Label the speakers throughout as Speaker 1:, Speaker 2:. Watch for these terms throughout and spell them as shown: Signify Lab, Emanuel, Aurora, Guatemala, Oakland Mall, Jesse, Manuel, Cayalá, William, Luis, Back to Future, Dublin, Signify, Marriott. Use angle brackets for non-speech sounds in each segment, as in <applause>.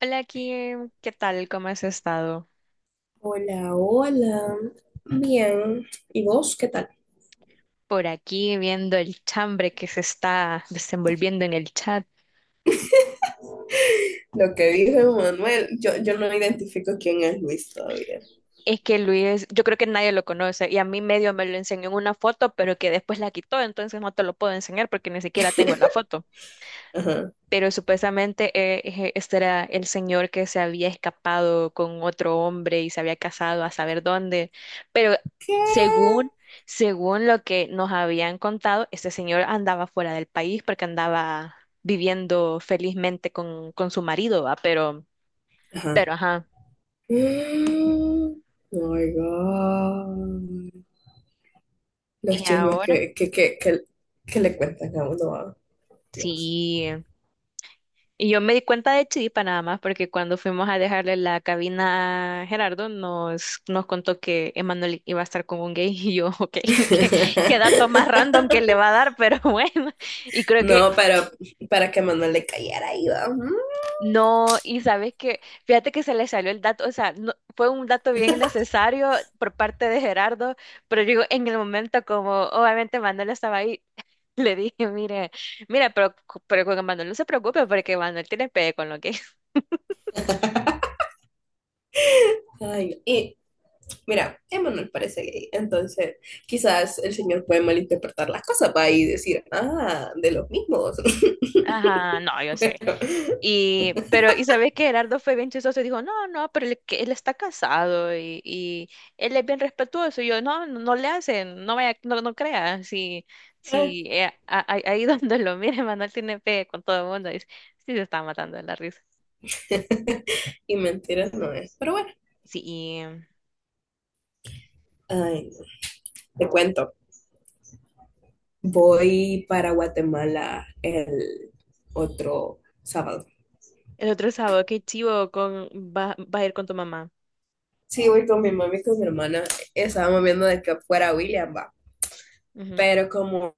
Speaker 1: Hola Kim, ¿qué tal? ¿Cómo has estado?
Speaker 2: Hola, hola. Bien. ¿Y vos qué tal?
Speaker 1: Por aquí viendo el chambre que se está desenvolviendo en el chat.
Speaker 2: Lo que dijo Manuel, yo no identifico quién es Luis todavía.
Speaker 1: Es que Luis, yo creo que nadie lo conoce y a mí medio me lo enseñó en una foto, pero que después la quitó, entonces no te lo puedo enseñar porque ni siquiera tengo la foto.
Speaker 2: Ajá.
Speaker 1: Pero supuestamente este era el señor que se había escapado con otro hombre y se había casado a saber dónde, pero
Speaker 2: ¿Qué?
Speaker 1: según, según lo que nos habían contado, este señor andaba fuera del país porque andaba viviendo felizmente con su marido, ¿va? Pero
Speaker 2: Ajá.
Speaker 1: ajá,
Speaker 2: Mm, Oh my God. Los
Speaker 1: y
Speaker 2: chismes
Speaker 1: ahora
Speaker 2: que le cuentan a uno. Ah, Dios.
Speaker 1: sí. Y yo me di cuenta de Chiripa nada más, porque cuando fuimos a dejarle la cabina a Gerardo, nos contó que Emanuel iba a estar con un gay <laughs> y yo, ok, <laughs> qué, qué dato más
Speaker 2: <laughs>
Speaker 1: random que le va a dar, <laughs> pero bueno, y creo que
Speaker 2: No, pero para que Manuel le cayera ahí, va.
Speaker 1: no, y sabes que, fíjate que se le salió el dato, o sea, fue un dato bien necesario por parte de Gerardo, pero digo, en el momento como obviamente Manuel estaba ahí. <laughs> Le dije, mire, mira, pero con Manuel no se preocupe porque Manuel tiene pegue con lo que.
Speaker 2: Mm. <laughs> Ay, mira, Emanuel parece gay, entonces quizás el señor puede malinterpretar las cosas para y decir, ah, de los mismos.
Speaker 1: Ajá, no, yo
Speaker 2: <laughs>
Speaker 1: sé.
Speaker 2: Pero,
Speaker 1: Y, pero, y sabes que Gerardo fue bien chistoso y dijo, no, no, pero él, que él está casado y él es bien respetuoso. Y yo, no, no, no le hacen, no vaya, no, no crea, si,
Speaker 2: ay,
Speaker 1: ahí <laughs> donde lo mire, Manuel tiene fe con todo el mundo. Y sí se está matando de la risa.
Speaker 2: <laughs> y mentiras no es. Pero bueno,
Speaker 1: Sí,
Speaker 2: ay, no. Te cuento, voy para Guatemala el otro sábado.
Speaker 1: el otro sábado, qué chivo con va, va a ir con tu mamá.
Speaker 2: Sí, voy con mi mami y con mi hermana. Estábamos viendo de que fuera William, va.
Speaker 1: Ujú.
Speaker 2: Pero como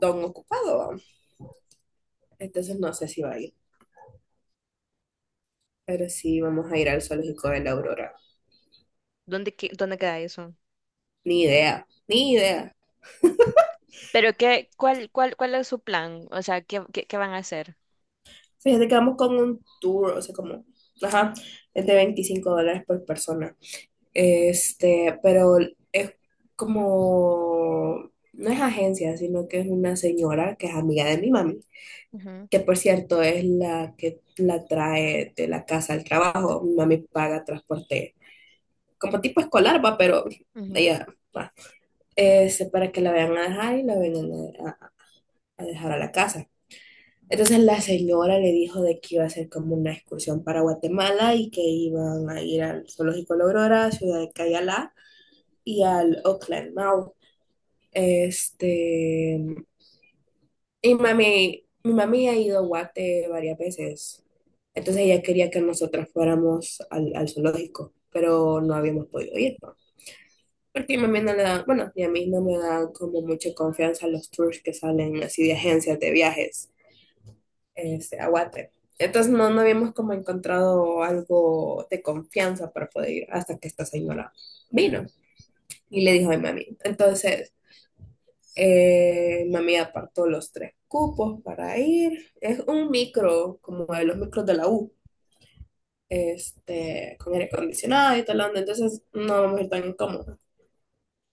Speaker 2: don ocupado, va, entonces no sé si va a ir. Pero sí, vamos a ir al zoológico de la Aurora.
Speaker 1: ¿Dónde, dónde queda eso?
Speaker 2: Ni idea, ni idea.
Speaker 1: Pero qué, cuál, cuál, ¿cuál es su plan? O sea, ¿qué, qué, qué van a hacer?
Speaker 2: Fíjate que vamos con un tour, o sea, como, ajá, es de $25 por persona. Pero es como, no es agencia, sino que es una señora que es amiga de mi mami,
Speaker 1: Ujú,
Speaker 2: que por cierto es la que la trae de la casa al trabajo. Mi mami paga transporte, como tipo escolar, va, pero
Speaker 1: ujú.
Speaker 2: ella va. Para que la vayan a dejar y la vengan a a a dejar a la casa. Entonces la señora le dijo de que iba a hacer como una excursión para Guatemala y que iban a ir al Zoológico La Aurora, Ciudad de Cayalá y al Oakland Mall. Este, y mami, mi mami ha ido a Guate varias veces. Entonces ella quería que nosotras fuéramos al, al zoológico, pero no habíamos podido ir, ¿no? Porque mi mami no le da, bueno, y a mí no me da como mucha confianza los tours que salen así de agencias de viajes. Este, Aguate. Entonces no, no habíamos como encontrado algo de confianza para poder ir hasta que esta señora vino y le dijo a mami. Entonces, mami apartó los tres cupos para ir. Es un micro, como de los micros de la U, con aire acondicionado y tal, onda, entonces no vamos a ir tan incómodos.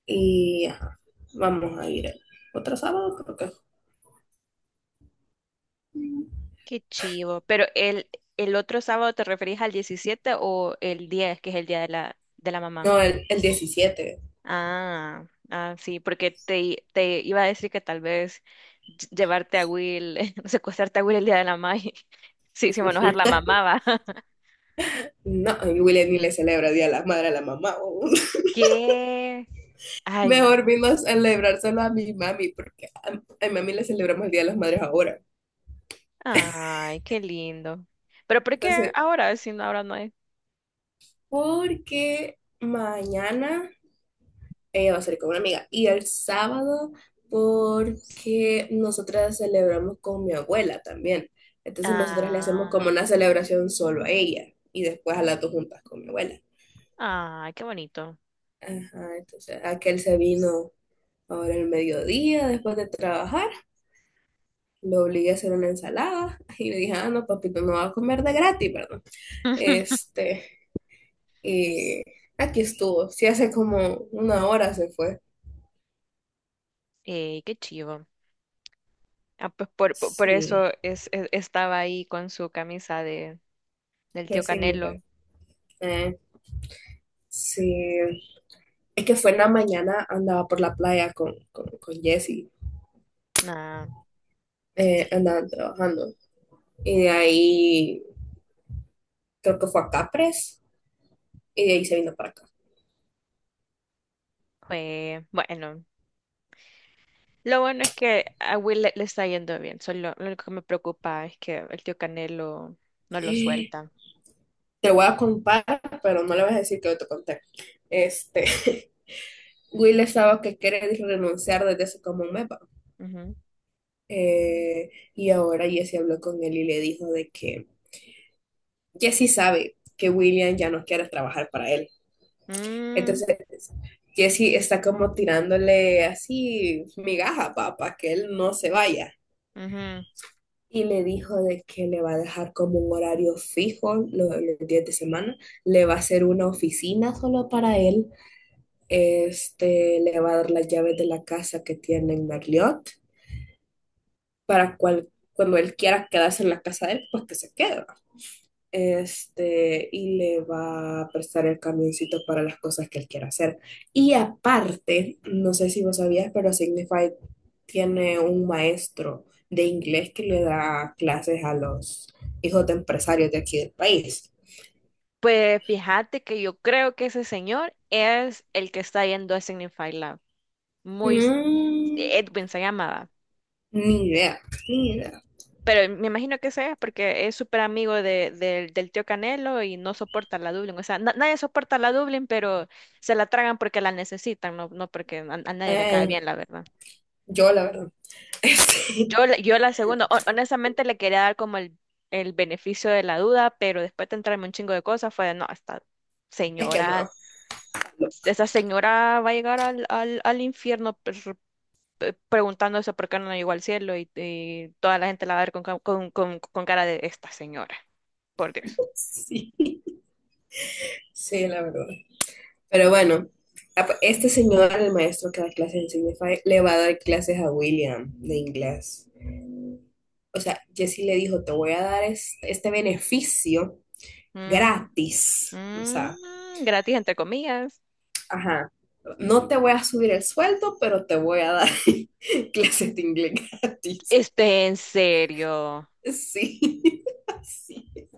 Speaker 2: Y ajá, vamos a ir el otro sábado, creo que.
Speaker 1: Qué chivo. Pero el otro sábado te referís al 17 o el 10 que es el día de la mamá.
Speaker 2: No, el 17.
Speaker 1: Ah, ah, sí, porque te, te iba a decir que tal vez llevarte a Will, <laughs> secuestrarte a Will el día de la mamá. <laughs> Sí, se va a enojar la mamá, va. <laughs>
Speaker 2: No, y William ni le celebra el Día de la Madre a la Mamá. Oh.
Speaker 1: ¿Qué? Ay, no.
Speaker 2: Mejor vino a celebrárselo a mi mami, porque a mi mami le celebramos el Día de las Madres ahora.
Speaker 1: Ay, qué lindo. Pero ¿por qué
Speaker 2: Entonces,
Speaker 1: ahora? Si no, ahora no hay.
Speaker 2: porque mañana ella va a salir con una amiga y el sábado porque nosotras celebramos con mi abuela también. Entonces, nosotras le hacemos como
Speaker 1: Ah,
Speaker 2: una celebración solo a ella y después a las dos juntas con mi abuela.
Speaker 1: ay, qué bonito.
Speaker 2: Ajá, entonces aquel se vino ahora el mediodía después de trabajar, lo obligué a hacer una ensalada y le dije, ah, no, papito, no va a comer de gratis, ¿verdad?
Speaker 1: <laughs>
Speaker 2: Este, y aquí estuvo. Sí, hace como una hora se fue.
Speaker 1: Ey, qué chivo. Ah, pues por eso
Speaker 2: Sí,
Speaker 1: es, estaba ahí con su camisa de, del
Speaker 2: fue
Speaker 1: tío
Speaker 2: así.
Speaker 1: Canelo.
Speaker 2: Eh, sí, es que fue en la mañana, andaba por la playa con Jesse.
Speaker 1: Nah,
Speaker 2: Andaban trabajando. Y de ahí creo que fue a Capres y de ahí se vino para acá.
Speaker 1: fue bueno. Lo bueno es que a Will le está yendo bien. Solo lo único que me preocupa es que el tío Canelo no lo suelta.
Speaker 2: Te voy a contar, pero no le vas a decir que yo te conté. Este, <laughs> Will estaba que quiere renunciar desde hace como un mes.
Speaker 1: Ujú.
Speaker 2: Y ahora Jesse habló con él y le dijo de que Jesse sabe que William ya no quiere trabajar para él.
Speaker 1: Mm,
Speaker 2: Entonces, Jesse está como tirándole así migaja para que él no se vaya.
Speaker 1: ujú.
Speaker 2: Y le dijo de que le va a dejar como un horario fijo los, días de semana, le va a hacer una oficina solo para él, le va a dar las llaves de la casa que tiene en Marriott para cual, cuando él quiera quedarse en la casa de él, pues que se quede. Y le va a prestar el camioncito para las cosas que él quiera hacer. Y aparte, no sé si vos sabías, pero Signify tiene un maestro de inglés que le da clases a los hijos de empresarios de aquí del país.
Speaker 1: Pues fíjate que yo creo que ese señor es el que está yendo a Signify Lab. Muy,
Speaker 2: Mm.
Speaker 1: Edwin se llamaba.
Speaker 2: Ni idea, ni idea.
Speaker 1: Pero me imagino que sea porque es súper amigo de, del tío Canelo y no soporta la Dublin. O sea, nadie soporta la Dublin, pero se la tragan porque la necesitan, no, no porque a nadie le cae
Speaker 2: Eh,
Speaker 1: bien, la verdad.
Speaker 2: yo, la verdad, <laughs> este,
Speaker 1: Yo, yo la segunda, honestamente le quería dar como el beneficio de la duda, pero después de entrarme un chingo de cosas fue de, no, esta
Speaker 2: es que no.
Speaker 1: señora, esa señora va a llegar al, al, al infierno preguntándose por qué no llegó al cielo y toda la gente la va a ver con, con cara de esta señora, por Dios.
Speaker 2: Sí, sí, la verdad. Pero bueno, este señor, el maestro que da clases en Signify, le va a dar clases a William de inglés. O sea, Jesse le dijo, te voy a dar este beneficio
Speaker 1: Mm,
Speaker 2: gratis. O sea,
Speaker 1: mm, gratis entre comillas.
Speaker 2: ajá, no te voy a subir el sueldo, pero te voy a dar <laughs> clases de inglés gratis.
Speaker 1: Este, en serio.
Speaker 2: Sí, <laughs> sí,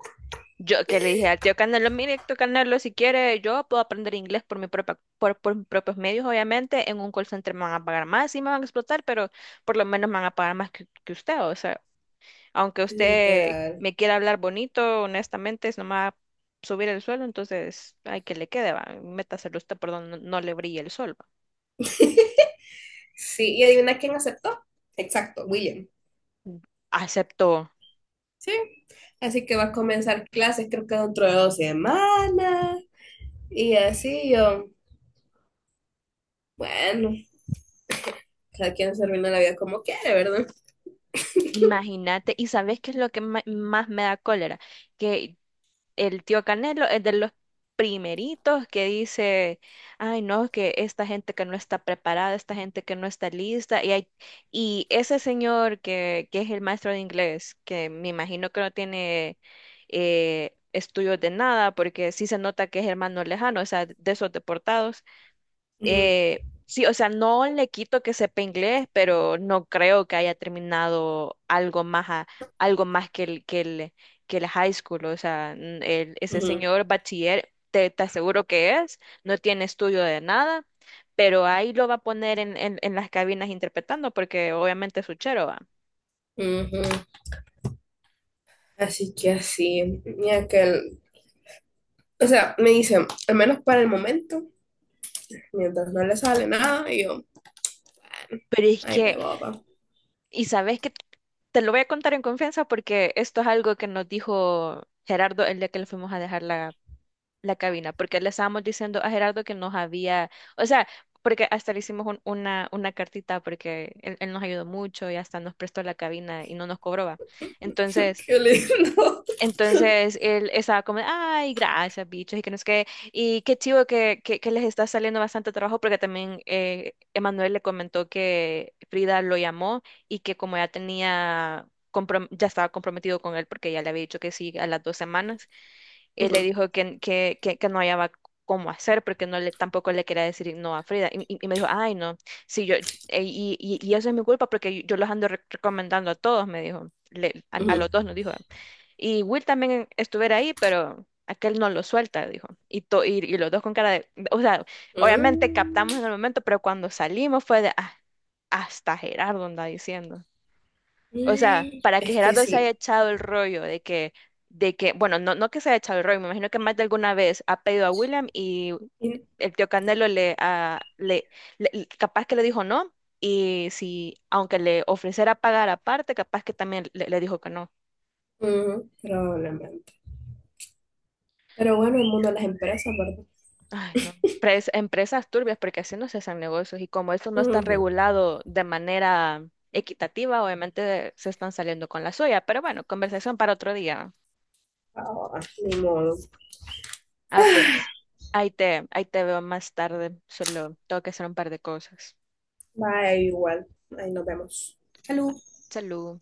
Speaker 1: Yo que le dije al tío Canelo, mire, tío Canelo, si quiere, yo puedo aprender inglés por mi propia, por mis propios medios, obviamente. En un call center me van a pagar más, sí me van a explotar, pero por lo menos me van a pagar más que usted. O sea, aunque usted
Speaker 2: literal.
Speaker 1: me quiera hablar bonito, honestamente, no me va a subir el suelo, entonces, ay, que le quede, va, métaselo usted por donde no, no le brille el sol. Va".
Speaker 2: Sí, y adivina quién aceptó. Exacto, William.
Speaker 1: Aceptó.
Speaker 2: Sí. Así que va a comenzar clases, creo que dentro de 2 semanas. Y así yo, bueno, cada quien se arruina la vida como quiere, ¿verdad?
Speaker 1: Imagínate, ¿y sabes qué es lo que más me da cólera? Que el tío Canelo es de los primeritos que dice, ay no, que esta gente que no está preparada, esta gente que no está lista, y, hay, y ese señor que es el maestro de inglés, que me imagino que no tiene estudios de nada, porque sí se nota que es hermano lejano, o sea, de esos deportados.
Speaker 2: Ujú,
Speaker 1: Sí, o sea, no le quito que sepa inglés, pero no creo que haya terminado algo más, algo más que el, que el, que el high school. O sea, ese
Speaker 2: ujú,
Speaker 1: señor bachiller, te aseguro que es, no tiene estudio de nada, pero ahí lo va a poner en las cabinas interpretando, porque obviamente es uchero, va.
Speaker 2: ujú. Así que así, y aquel, o sea, me dice, al menos para el momento, mientras no le sale nada, y yo,
Speaker 1: Pero es
Speaker 2: ay,
Speaker 1: que,
Speaker 2: pe boba,
Speaker 1: y sabes que te lo voy a contar en confianza porque esto es algo que nos dijo Gerardo el día que le fuimos a dejar la cabina, porque le estábamos diciendo a Gerardo que nos había, o sea, porque hasta le hicimos una cartita porque él nos ayudó mucho y hasta nos prestó la cabina y no nos cobraba.
Speaker 2: <laughs>
Speaker 1: Entonces,
Speaker 2: qué lindo.
Speaker 1: entonces él estaba como, ay, gracias, bichos, y que no es que, y qué chivo que les está saliendo bastante trabajo, porque también Emanuel le comentó que Frida lo llamó y que como ya tenía... ya estaba comprometido con él porque ya le había dicho que sí a las dos semanas, él le
Speaker 2: Ujú,
Speaker 1: dijo que no hallaba cómo hacer, porque no le, tampoco le quería decir no a Frida. Y, y me dijo, ay, no, sí, yo, y eso es mi culpa porque yo los ando recomendando a todos, me dijo, a
Speaker 2: ujú.
Speaker 1: los dos nos dijo. Y Will también estuviera ahí, pero aquel no lo suelta, dijo. Y, y los dos con cara de, o sea, obviamente
Speaker 2: Mm,
Speaker 1: captamos en el momento, pero cuando salimos fue de, "Ah, hasta Gerardo anda diciendo. O sea,
Speaker 2: mm,
Speaker 1: para que
Speaker 2: es que
Speaker 1: Gerardo se haya
Speaker 2: sí.
Speaker 1: echado el rollo de que, bueno, no, no que se haya echado el rollo, me imagino que más de alguna vez ha pedido a William y
Speaker 2: Y-
Speaker 1: el tío Candelo le, ah, le, capaz que le dijo no, y si, aunque le ofreciera pagar aparte, capaz que también le dijo que no.
Speaker 2: ujú, probablemente. Pero bueno, el mundo de las empresas, ¿verdad?
Speaker 1: Ay, no. Empresas turbias, porque así no se hacen negocios, y como esto no está
Speaker 2: Ujú.
Speaker 1: regulado de manera equitativa, obviamente se están saliendo con la suya, pero bueno, conversación para otro día.
Speaker 2: Ah, ni modo.
Speaker 1: Ah,
Speaker 2: <sighs>
Speaker 1: pues, ahí te veo más tarde. Solo tengo que hacer un par de cosas.
Speaker 2: Bye, igual. Ahí nos vemos. Salud.
Speaker 1: Salud.